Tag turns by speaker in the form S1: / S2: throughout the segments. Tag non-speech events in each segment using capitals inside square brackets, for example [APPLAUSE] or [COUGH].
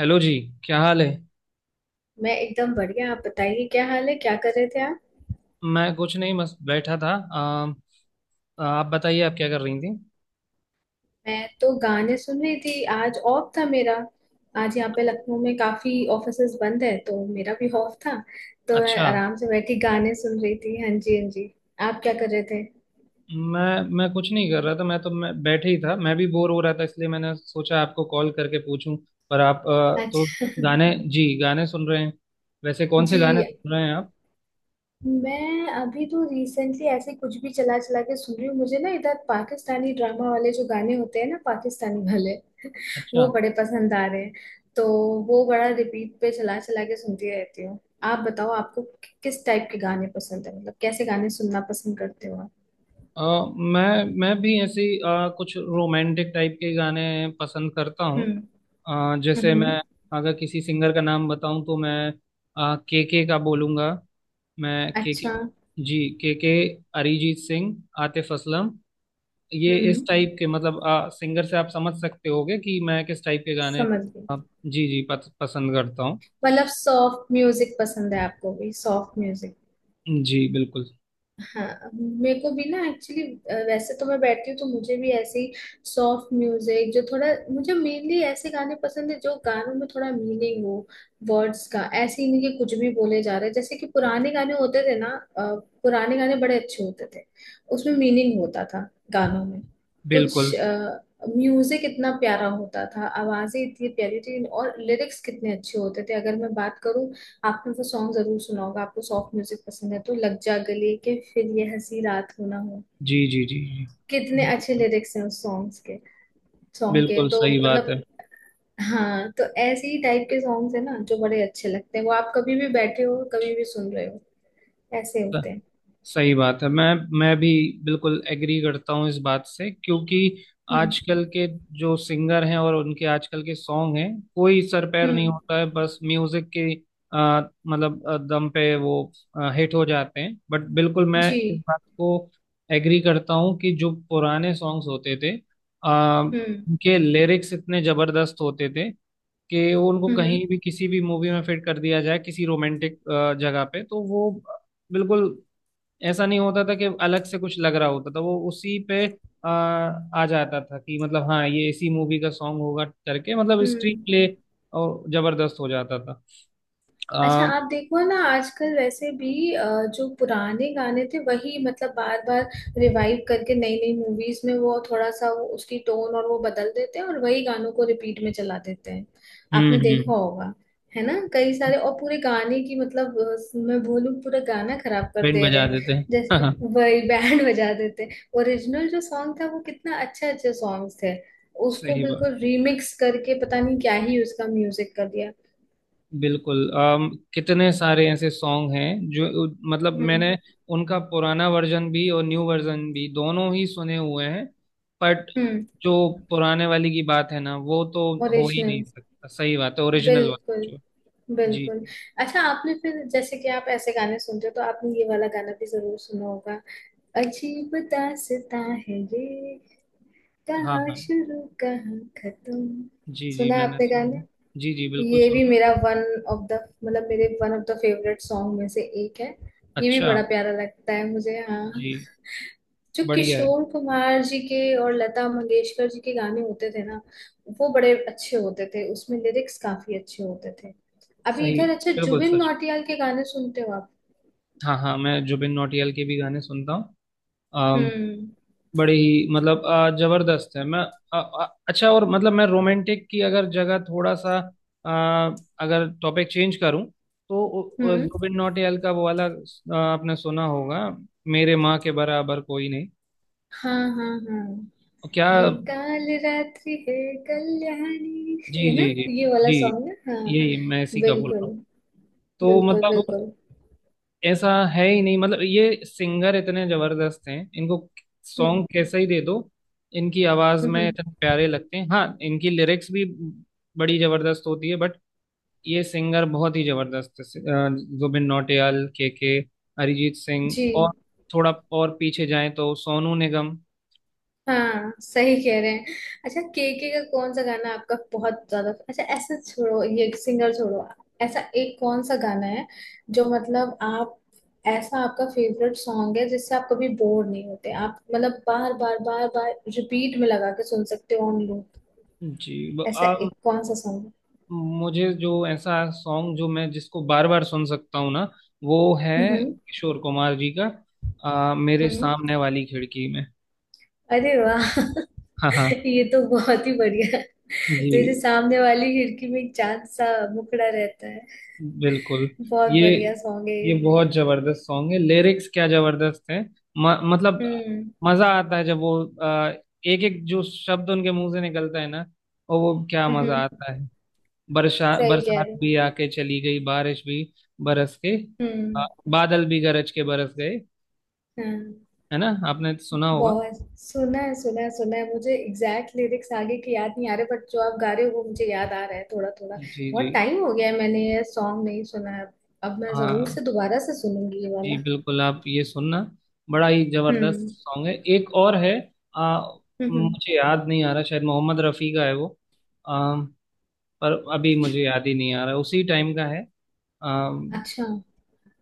S1: Hello ji. क्या हाल है।
S2: मैं एकदम बढ़िया। आप बताइए, क्या हाल है? क्या कर रहे थे आप?
S1: मैं कुछ नहीं बस बैठा था। आ, आप बताइए आप क्या कर रही थी।
S2: मैं तो गाने सुन रही थी। आज ऑफ था मेरा। आज यहाँ पे लखनऊ में काफी ऑफिसेज बंद है तो मेरा भी ऑफ था। तो मैं
S1: अच्छा।
S2: आराम से बैठी गाने सुन रही थी। हाँ जी, हाँ जी। आप क्या कर रहे थे?
S1: मैं मैं कुछ नहीं कर रहा था, मैं तो मैं बैठे ही था, मैं भी बोर हो रहा था, इसलिए मैंने सोचा आपको कॉल करके पूछूं। पर आप तो
S2: अच्छा। [LAUGHS]
S1: गाने, जी, गाने सुन रहे हैं। वैसे कौन से
S2: जी,
S1: गाने सुन रहे हैं आप?
S2: मैं अभी तो रिसेंटली ऐसे कुछ भी चला चला के सुन रही हूँ। मुझे ना इधर पाकिस्तानी ड्रामा वाले जो गाने होते हैं ना, पाकिस्तानी वाले,
S1: अच्छा।
S2: वो बड़े पसंद आ रहे हैं। तो वो बड़ा रिपीट पे चला चला के सुनती रहती हूँ। आप बताओ, आपको किस टाइप के गाने पसंद है? मतलब कैसे गाने सुनना पसंद करते हो आप?
S1: अ, मैं भी ऐसी कुछ रोमांटिक टाइप के गाने पसंद करता हूँ।
S2: हम्म।
S1: जैसे
S2: हम्म।
S1: मैं, अगर किसी सिंगर का नाम बताऊं तो मैं के का बोलूंगा। मैं के,
S2: अच्छा।
S1: जी के, अरिजीत सिंह, आतिफ असलम। ये इस
S2: हम्म,
S1: टाइप के, मतलब सिंगर से आप समझ सकते होगे कि मैं किस टाइप के गाने
S2: समझ गई।
S1: आ, जी जी, पसंद करता हूँ।
S2: मतलब सॉफ्ट म्यूजिक पसंद है आपको? भी सॉफ्ट म्यूजिक।
S1: जी बिल्कुल।
S2: हाँ, मेरे को भी ना एक्चुअली, वैसे तो मैं बैठती हूँ तो मुझे भी ऐसे ही सॉफ्ट म्यूजिक जो थोड़ा। मुझे मेनली ऐसे गाने पसंद है जो गानों में थोड़ा मीनिंग हो, वर्ड्स का। ऐसे ही नहीं कि कुछ भी बोले जा रहे हैं जैसे कि पुराने गाने होते थे ना। अ, पुराने गाने बड़े अच्छे होते थे। उसमें मीनिंग होता था गानों में
S1: बिल्कुल।
S2: कुछ। म्यूजिक इतना प्यारा होता था, आवाजें इतनी प्यारी थी, और लिरिक्स कितने अच्छे होते थे। अगर मैं बात करूँ, आपने वो सॉन्ग जरूर सुना होगा, आपको सॉफ्ट म्यूजिक पसंद है तो, लग जा गले के फिर ये हंसी रात हो ना हो।
S1: जी जी। जी जी।
S2: कितने अच्छे
S1: बिल्कुल।
S2: लिरिक्स हैं उस सॉन्ग्स के, सॉन्ग के
S1: बिल्कुल।
S2: तो
S1: सही बात
S2: मतलब।
S1: है।
S2: हाँ, तो ऐसे ही टाइप के सॉन्ग्स है ना, जो बड़े अच्छे लगते हैं। वो आप कभी भी बैठे हो, कभी भी सुन रहे हो, ऐसे होते हैं।
S1: सही बात है। मैं भी बिल्कुल एग्री करता हूँ इस बात से, क्योंकि
S2: हम्म।
S1: आजकल के जो सिंगर हैं और उनके आजकल के सॉन्ग हैं, कोई सर पैर नहीं
S2: हम्म।
S1: होता है, बस म्यूजिक के आ, मतलब दम पे वो हिट हो जाते हैं। बट बिल्कुल मैं
S2: जी।
S1: इस बात को एग्री करता हूँ कि जो पुराने सॉन्ग्स होते थे,
S2: हम्म।
S1: उनके लिरिक्स इतने जबरदस्त होते थे कि उनको
S2: हम्म।
S1: कहीं भी किसी भी मूवी में फिट कर दिया जाए किसी रोमांटिक जगह पे, तो वो बिल्कुल ऐसा नहीं होता था कि अलग से कुछ लग रहा होता था, वो उसी पे आ, आ जाता था कि मतलब हाँ ये इसी मूवी का सॉन्ग होगा, करके मतलब स्क्रीन
S2: हम्म।
S1: प्ले और जबरदस्त हो जाता था।
S2: अच्छा,
S1: आ,
S2: आप देखो ना, आजकल वैसे भी जो पुराने गाने थे वही मतलब बार बार रिवाइव करके नई नई मूवीज में, वो थोड़ा सा वो उसकी टोन और वो बदल देते हैं और वही गानों को रिपीट में चला देते हैं।
S1: हम्म,
S2: आपने देखा
S1: हम्म।
S2: होगा, है ना, कई सारे। और पूरे गाने की मतलब मैं बोलूं पूरा गाना खराब कर
S1: बैंड
S2: दे रहे
S1: बजा
S2: हैं।
S1: देते
S2: जैसे
S1: हैं।
S2: वही बैंड [LAUGHS] बजा देते हैं। ओरिजिनल जो सॉन्ग था वो कितना, अच्छे अच्छे सॉन्ग्स थे,
S1: [LAUGHS]
S2: उसको
S1: सही
S2: बिल्कुल
S1: बात।
S2: रीमिक्स करके पता नहीं क्या ही उसका म्यूजिक कर दिया।
S1: बिल्कुल। कितने सारे ऐसे सॉन्ग हैं जो मतलब
S2: हम्म।
S1: मैंने उनका पुराना वर्जन भी और न्यू वर्जन भी दोनों ही सुने हुए हैं। बट
S2: हम्म।
S1: जो पुराने वाली की बात है ना, वो तो हो ही नहीं
S2: ओरिजिनल।
S1: सकता। सही बात है, ओरिजिनल वाला
S2: बिल्कुल।
S1: जो। जी
S2: बिल्कुल।
S1: जी।
S2: अच्छा, आपने फिर जैसे कि आप ऐसे गाने सुनते हो तो आपने ये वाला गाना भी जरूर सुना होगा, अजीब दास्तां है ये,
S1: हाँ
S2: कहाँ
S1: हाँ।
S2: शुरू कहाँ खत्म।
S1: जी जी,
S2: सुना है
S1: मैंने
S2: आपने गाने?
S1: सुना। जी जी, बिल्कुल
S2: ये भी
S1: सुना।
S2: मेरा वन ऑफ द, मतलब मेरे one of the favourite song में से एक है। ये भी
S1: अच्छा।
S2: बड़ा प्यारा लगता है मुझे। हाँ,
S1: जी।
S2: जो
S1: बढ़िया है।
S2: किशोर कुमार जी के और लता मंगेशकर जी के गाने होते थे ना, वो बड़े अच्छे होते थे। उसमें लिरिक्स काफी अच्छे होते थे। अभी
S1: सही।
S2: इधर, अच्छा,
S1: बिल्कुल
S2: जुबिन
S1: सच।
S2: नौटियाल के गाने सुनते हो आप?
S1: हाँ हाँ, मैं जुबिन नौटियाल के भी गाने सुनता हूँ। अम,
S2: हम्म।
S1: बड़े ही, मतलब जबरदस्त है। मैं अच्छा, और मतलब मैं रोमांटिक की अगर जगह थोड़ा सा अगर टॉपिक चेंज करूँ, तो
S2: हम्म।
S1: जुबिन नौटियाल का वो वाला आपने सुना होगा, मेरे माँ के बराबर कोई नहीं।
S2: हाँ हाँ हाँ,
S1: क्या?
S2: ये काल रात्रि है, कल्याणी
S1: जी
S2: है ना,
S1: जी
S2: ये
S1: जी
S2: वाला
S1: जी,
S2: सॉन्ग है हाँ।
S1: यही मैं इसी का बोल रहा
S2: बिल्कुल।
S1: हूँ। तो
S2: बिल्कुल
S1: मतलब
S2: बिल्कुल।
S1: ऐसा है ही नहीं, मतलब ये सिंगर इतने जबरदस्त हैं, इनको
S2: हम्म।
S1: सॉन्ग कैसा ही दे दो, इनकी आवाज
S2: हम्म,
S1: में
S2: हम्म।
S1: इतने प्यारे लगते हैं। हाँ, इनकी लिरिक्स भी बड़ी जबरदस्त होती है। बट ये सिंगर बहुत ही जबरदस्त है। अ, जुबिन नौटियाल, के, अरिजीत सिंह,
S2: जी।
S1: और थोड़ा और पीछे जाएं तो सोनू निगम।
S2: हाँ, सही कह रहे हैं। अच्छा, केके का कौन सा गाना आपका बहुत ज्यादा अच्छा, ऐसा छोड़ो ये सिंगर छोड़ो, ऐसा एक कौन सा गाना है जो मतलब आप, ऐसा आपका फेवरेट सॉन्ग है जिससे आप कभी बोर नहीं होते, आप मतलब बार बार बार बार रिपीट में लगा के सुन सकते हो, ऑन लूप।
S1: जी।
S2: ऐसा एक कौन सा सॉन्ग है?
S1: मुझे जो ऐसा सॉन्ग जो मैं जिसको बार बार सुन सकता हूँ ना, वो है
S2: हम्म।
S1: किशोर कुमार जी का, मेरे
S2: हम्म। हम्म।
S1: सामने वाली खिड़की में।
S2: अरे वाह
S1: हाँ हाँ।
S2: [LAUGHS] ये तो बहुत ही बढ़िया है। मेरे
S1: जी
S2: सामने वाली खिड़की में एक चांद सा मुखड़ा रहता है,
S1: बिल्कुल।
S2: बहुत
S1: ये
S2: बढ़िया सॉन्ग है ये।
S1: ये बहुत जबरदस्त सॉन्ग है, लिरिक्स क्या जबरदस्त है। मतलब
S2: हम्म।
S1: मजा आता है जब वो एक एक जो शब्द उनके मुंह से निकलता है ना, और वो क्या मजा
S2: हम्म।
S1: आता है। बरसा
S2: सही कह
S1: बरसात
S2: रहे हो।
S1: भी आके चली गई, बारिश भी बरस के, आ,
S2: हम्म।
S1: बादल भी गरज के बरस गए।
S2: हाँ,
S1: है ना? आपने तो सुना होगा।
S2: बहुत सुना है, सुना है, सुना है। मुझे एग्जैक्ट लिरिक्स आगे की याद नहीं आ रहे, बट जो आप गा रहे हो वो मुझे याद आ रहा है थोड़ा थोड़ा।
S1: जी जी।
S2: बहुत टाइम हो गया है मैंने ये सॉन्ग नहीं सुना है। अब मैं जरूर
S1: हाँ।
S2: से दोबारा से सुनूंगी ये
S1: जी
S2: वाला।
S1: बिल्कुल, आप ये सुनना, बड़ा ही जबरदस्त
S2: हम्म।
S1: सॉन्ग है। एक और है, आ,
S2: हम्म।
S1: मुझे याद नहीं आ रहा, शायद मोहम्मद रफ़ी का है वो। आ, पर अभी मुझे याद ही नहीं आ रहा, उसी टाइम का है। आ,
S2: अच्छा।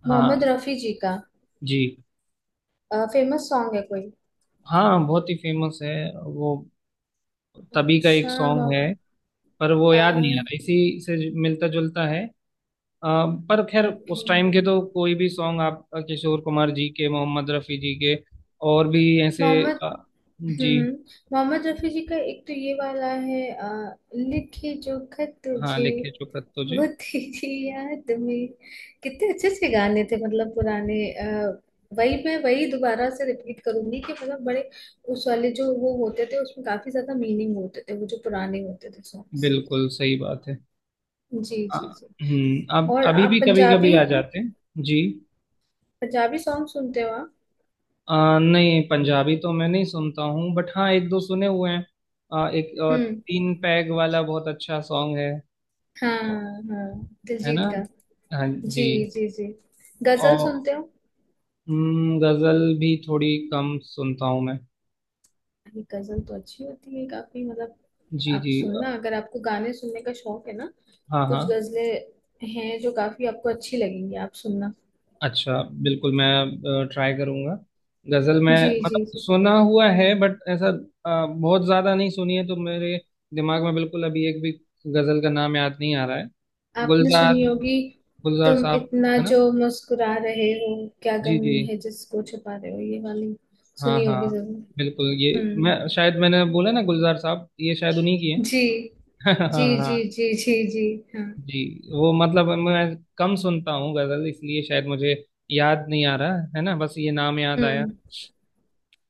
S1: हाँ।
S2: मोहम्मद रफी जी का
S1: जी।
S2: फेमस सॉन्ग है कोई?
S1: हाँ बहुत ही फेमस है, वो तभी का एक
S2: अच्छा,
S1: सॉन्ग है। पर वो याद नहीं आ रहा, इसी से मिलता जुलता है। अ, पर खैर।
S2: ओके।
S1: उस टाइम के तो कोई भी सॉन्ग आप, किशोर कुमार जी के, मोहम्मद रफ़ी जी के, और भी ऐसे।
S2: मोहम्मद।
S1: अ, जी।
S2: हम्म। मोहम्मद रफी जी का एक तो ये वाला है, लिखे जो खत
S1: हाँ,
S2: तुझे,
S1: लिखे चुकत तुझे।
S2: वो तेरी याद में। कितने अच्छे अच्छे गाने थे मतलब पुराने। वही मैं वही दोबारा से रिपीट करूंगी कि मतलब बड़े उस वाले जो वो होते थे उसमें काफी ज्यादा मीनिंग होते थे वो जो पुराने होते थे सॉन्ग्स।
S1: बिल्कुल सही बात है।
S2: जी
S1: अ,
S2: जी जी।
S1: अब
S2: और
S1: अभी
S2: आप
S1: भी कभी कभी
S2: पंजाबी,
S1: आ जाते हैं जी।
S2: पंजाबी सॉन्ग सुनते हो आप?
S1: अ, नहीं, पंजाबी तो मैं नहीं सुनता हूँ, बट हाँ एक दो सुने हुए हैं। एक
S2: हम्म।
S1: तीन पैग वाला बहुत अच्छा सॉन्ग है
S2: हाँ। हाँ,
S1: है ना?
S2: दिलजीत का।
S1: हाँ
S2: जी।
S1: जी।
S2: जी जी। गजल
S1: और
S2: सुनते हो?
S1: गजल भी थोड़ी कम सुनता हूँ मैं।
S2: ये गजल तो अच्छी होती है काफी, मतलब
S1: जी
S2: आप
S1: जी।
S2: सुनना, अगर आपको गाने सुनने का शौक है ना,
S1: हाँ
S2: कुछ
S1: हाँ।
S2: गजलें हैं जो काफी आपको अच्छी लगेंगी, आप सुनना।
S1: अच्छा, बिल्कुल मैं ट्राई करूंगा गजल में।
S2: जी जी
S1: मतलब
S2: जी।
S1: सुना हुआ है बट ऐसा बहुत ज्यादा नहीं सुनी है, तो मेरे दिमाग में बिल्कुल अभी एक भी गजल का नाम याद नहीं आ रहा है।
S2: आपने
S1: गुलजार,
S2: सुनी होगी,
S1: गुलजार
S2: तुम
S1: साहब,
S2: इतना
S1: है ना?
S2: जो मुस्कुरा रहे हो, क्या
S1: जी
S2: गम
S1: जी।
S2: है जिसको छुपा रहे हो, ये वाली
S1: हाँ
S2: सुनी
S1: हाँ,
S2: होगी जरूर।
S1: बिल्कुल ये।
S2: हम्म।
S1: मैं शायद, मैंने बोला ना गुलजार साहब, ये शायद उन्हीं की
S2: जी
S1: है। [LAUGHS] हाँ
S2: जी जी
S1: हाँ।
S2: जी जी। जी। हाँ।
S1: जी। वो मतलब मैं कम सुनता हूँ गजल, इसलिए शायद मुझे याद नहीं आ रहा है ना, बस ये नाम याद आया।
S2: हम्म।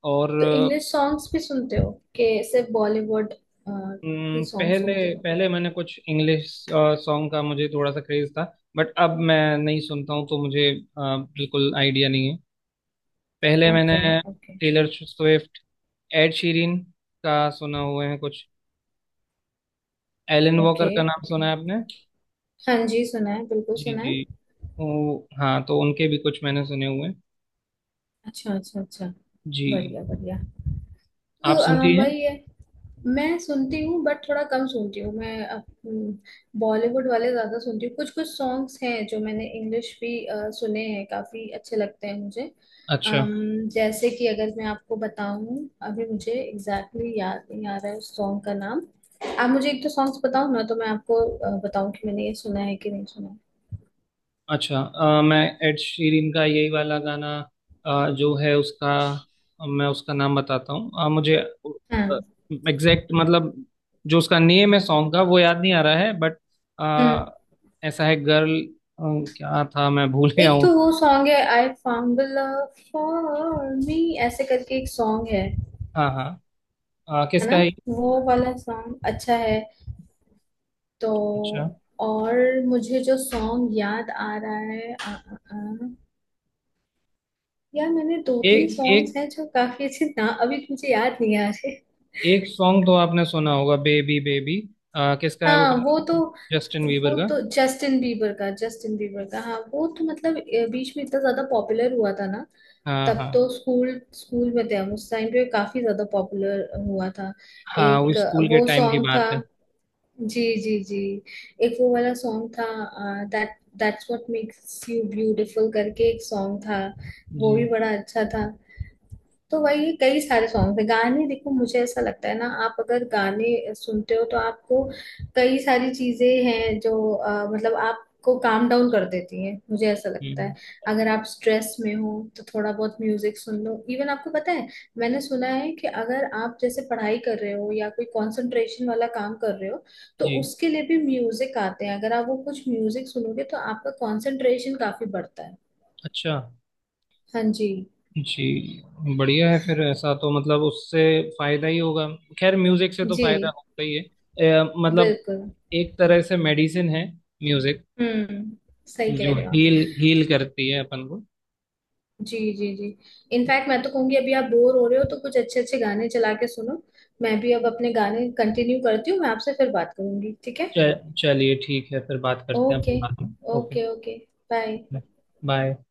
S1: और
S2: तो इंग्लिश सॉन्ग्स भी सुनते हो कि सिर्फ बॉलीवुड ही सॉन्ग
S1: पहले
S2: सुनते
S1: पहले मैंने कुछ इंग्लिश सॉन्ग का मुझे थोड़ा सा क्रेज था, बट अब मैं नहीं सुनता हूँ, तो मुझे बिल्कुल आइडिया नहीं है। पहले
S2: हो?
S1: मैंने
S2: okay. Okay.
S1: Taylor Swift, Ed Sheeran का सुना हुए हैं कुछ। Alan Walker
S2: okay.
S1: का नाम सुना
S2: ओके।
S1: है आपने?
S2: हाँ जी, सुना है, बिल्कुल
S1: जी
S2: सुना है।
S1: जी। हाँ, तो उनके भी कुछ मैंने सुने हुए हैं।
S2: अच्छा अच्छा अच्छा,
S1: जी।
S2: बढ़िया बढ़िया। तो
S1: आप सुनती हैं?
S2: वही है। मैं सुनती हूँ बट थोड़ा कम सुनती हूँ मैं। बॉलीवुड वाले ज्यादा सुनती हूँ। कुछ कुछ सॉन्ग्स हैं जो मैंने इंग्लिश भी सुने हैं, काफी अच्छे लगते हैं मुझे।
S1: अच्छा
S2: अम, जैसे कि अगर मैं आपको बताऊं, अभी मुझे एग्जैक्टली exactly याद नहीं आ रहा है उस सॉन्ग का नाम। आप मुझे एक तो सॉन्ग्स बताओ ना, तो मैं आपको बताऊं कि मैंने ये सुना है कि नहीं सुना है।
S1: अच्छा। मैं एड शीरन का यही वाला गाना, जो है उसका, मैं उसका नाम बताता हूँ, मुझे
S2: हाँ।
S1: एग्जैक्ट मतलब जो उसका नेम है सॉन्ग का, वो याद नहीं आ रहा है, बट
S2: हम्म।
S1: ऐसा है गर्ल क्या था, मैं भूल गया
S2: एक
S1: हूँ।
S2: तो वो सॉन्ग है I found the love for me, ऐसे करके एक सॉन्ग है
S1: हाँ हाँ।
S2: है ना।
S1: किसका है ये?
S2: वो वाला सॉन्ग अच्छा है तो।
S1: अच्छा।
S2: और मुझे जो सॉन्ग याद आ रहा है आ, आ, आ, यार, मैंने दो तीन
S1: एक एक
S2: सॉन्ग्स हैं जो काफी अच्छे ना, अभी मुझे याद नहीं आ रहे।
S1: एक सॉन्ग तो आपने सुना होगा, बेबी बेबी, किसका है वो
S2: हाँ,
S1: पता
S2: वो
S1: है
S2: तो,
S1: आपको? जस्टिन वीबर
S2: वो
S1: का।
S2: तो जस्टिन बीबर का, जस्टिन बीबर का हाँ। वो तो मतलब बीच में इतना ज्यादा पॉपुलर हुआ था ना,
S1: हाँ
S2: तब
S1: हाँ
S2: तो स्कूल स्कूल में थे हम। उस टाइम पे काफी ज्यादा पॉपुलर हुआ था।
S1: हाँ। वो
S2: एक
S1: स्कूल के
S2: वो
S1: टाइम की
S2: सॉन्ग था।
S1: बात है।
S2: जी जी जी। एक वो वाला सॉन्ग था, that that's what makes you beautiful करके एक सॉन्ग था, वो
S1: जी।
S2: भी बड़ा अच्छा था। तो वही कई सारे सॉन्ग थे, गाने। देखो मुझे ऐसा लगता है ना, आप अगर गाने सुनते हो तो आपको कई सारी चीजें हैं जो मतलब आपको काम डाउन कर देती है, मुझे ऐसा लगता है।
S1: हम्म।
S2: अगर आप स्ट्रेस में हो तो थोड़ा बहुत म्यूजिक सुन लो, इवन आपको पता है, मैंने सुना है कि अगर आप जैसे पढ़ाई कर रहे हो या कोई कंसंट्रेशन वाला काम कर रहे हो, तो
S1: जी।
S2: उसके लिए भी म्यूजिक आते हैं। अगर आप वो कुछ म्यूजिक सुनोगे तो आपका कंसंट्रेशन काफी बढ़ता है।
S1: अच्छा।
S2: हाँ जी।
S1: जी बढ़िया है, फिर ऐसा तो मतलब उससे फायदा ही होगा। खैर, म्यूजिक से तो
S2: जी
S1: फायदा होता ही है। मतलब
S2: बिल्कुल।
S1: एक तरह से मेडिसिन है म्यूजिक,
S2: हम्म। सही कह
S1: जो
S2: रहे हो आप।
S1: हील हील करती है अपन को।
S2: जी जी जी। इनफैक्ट मैं तो कहूंगी, अभी आप बोर हो रहे हो तो कुछ अच्छे अच्छे गाने चला के सुनो। मैं भी अब अपने गाने कंटिन्यू करती हूँ, मैं आपसे फिर बात करूंगी, ठीक है?
S1: चलिए, ठीक है, फिर बात करते हैं
S2: ओके।
S1: अपन बाद में। Okay.
S2: Okay okay. Bye.
S1: Bye.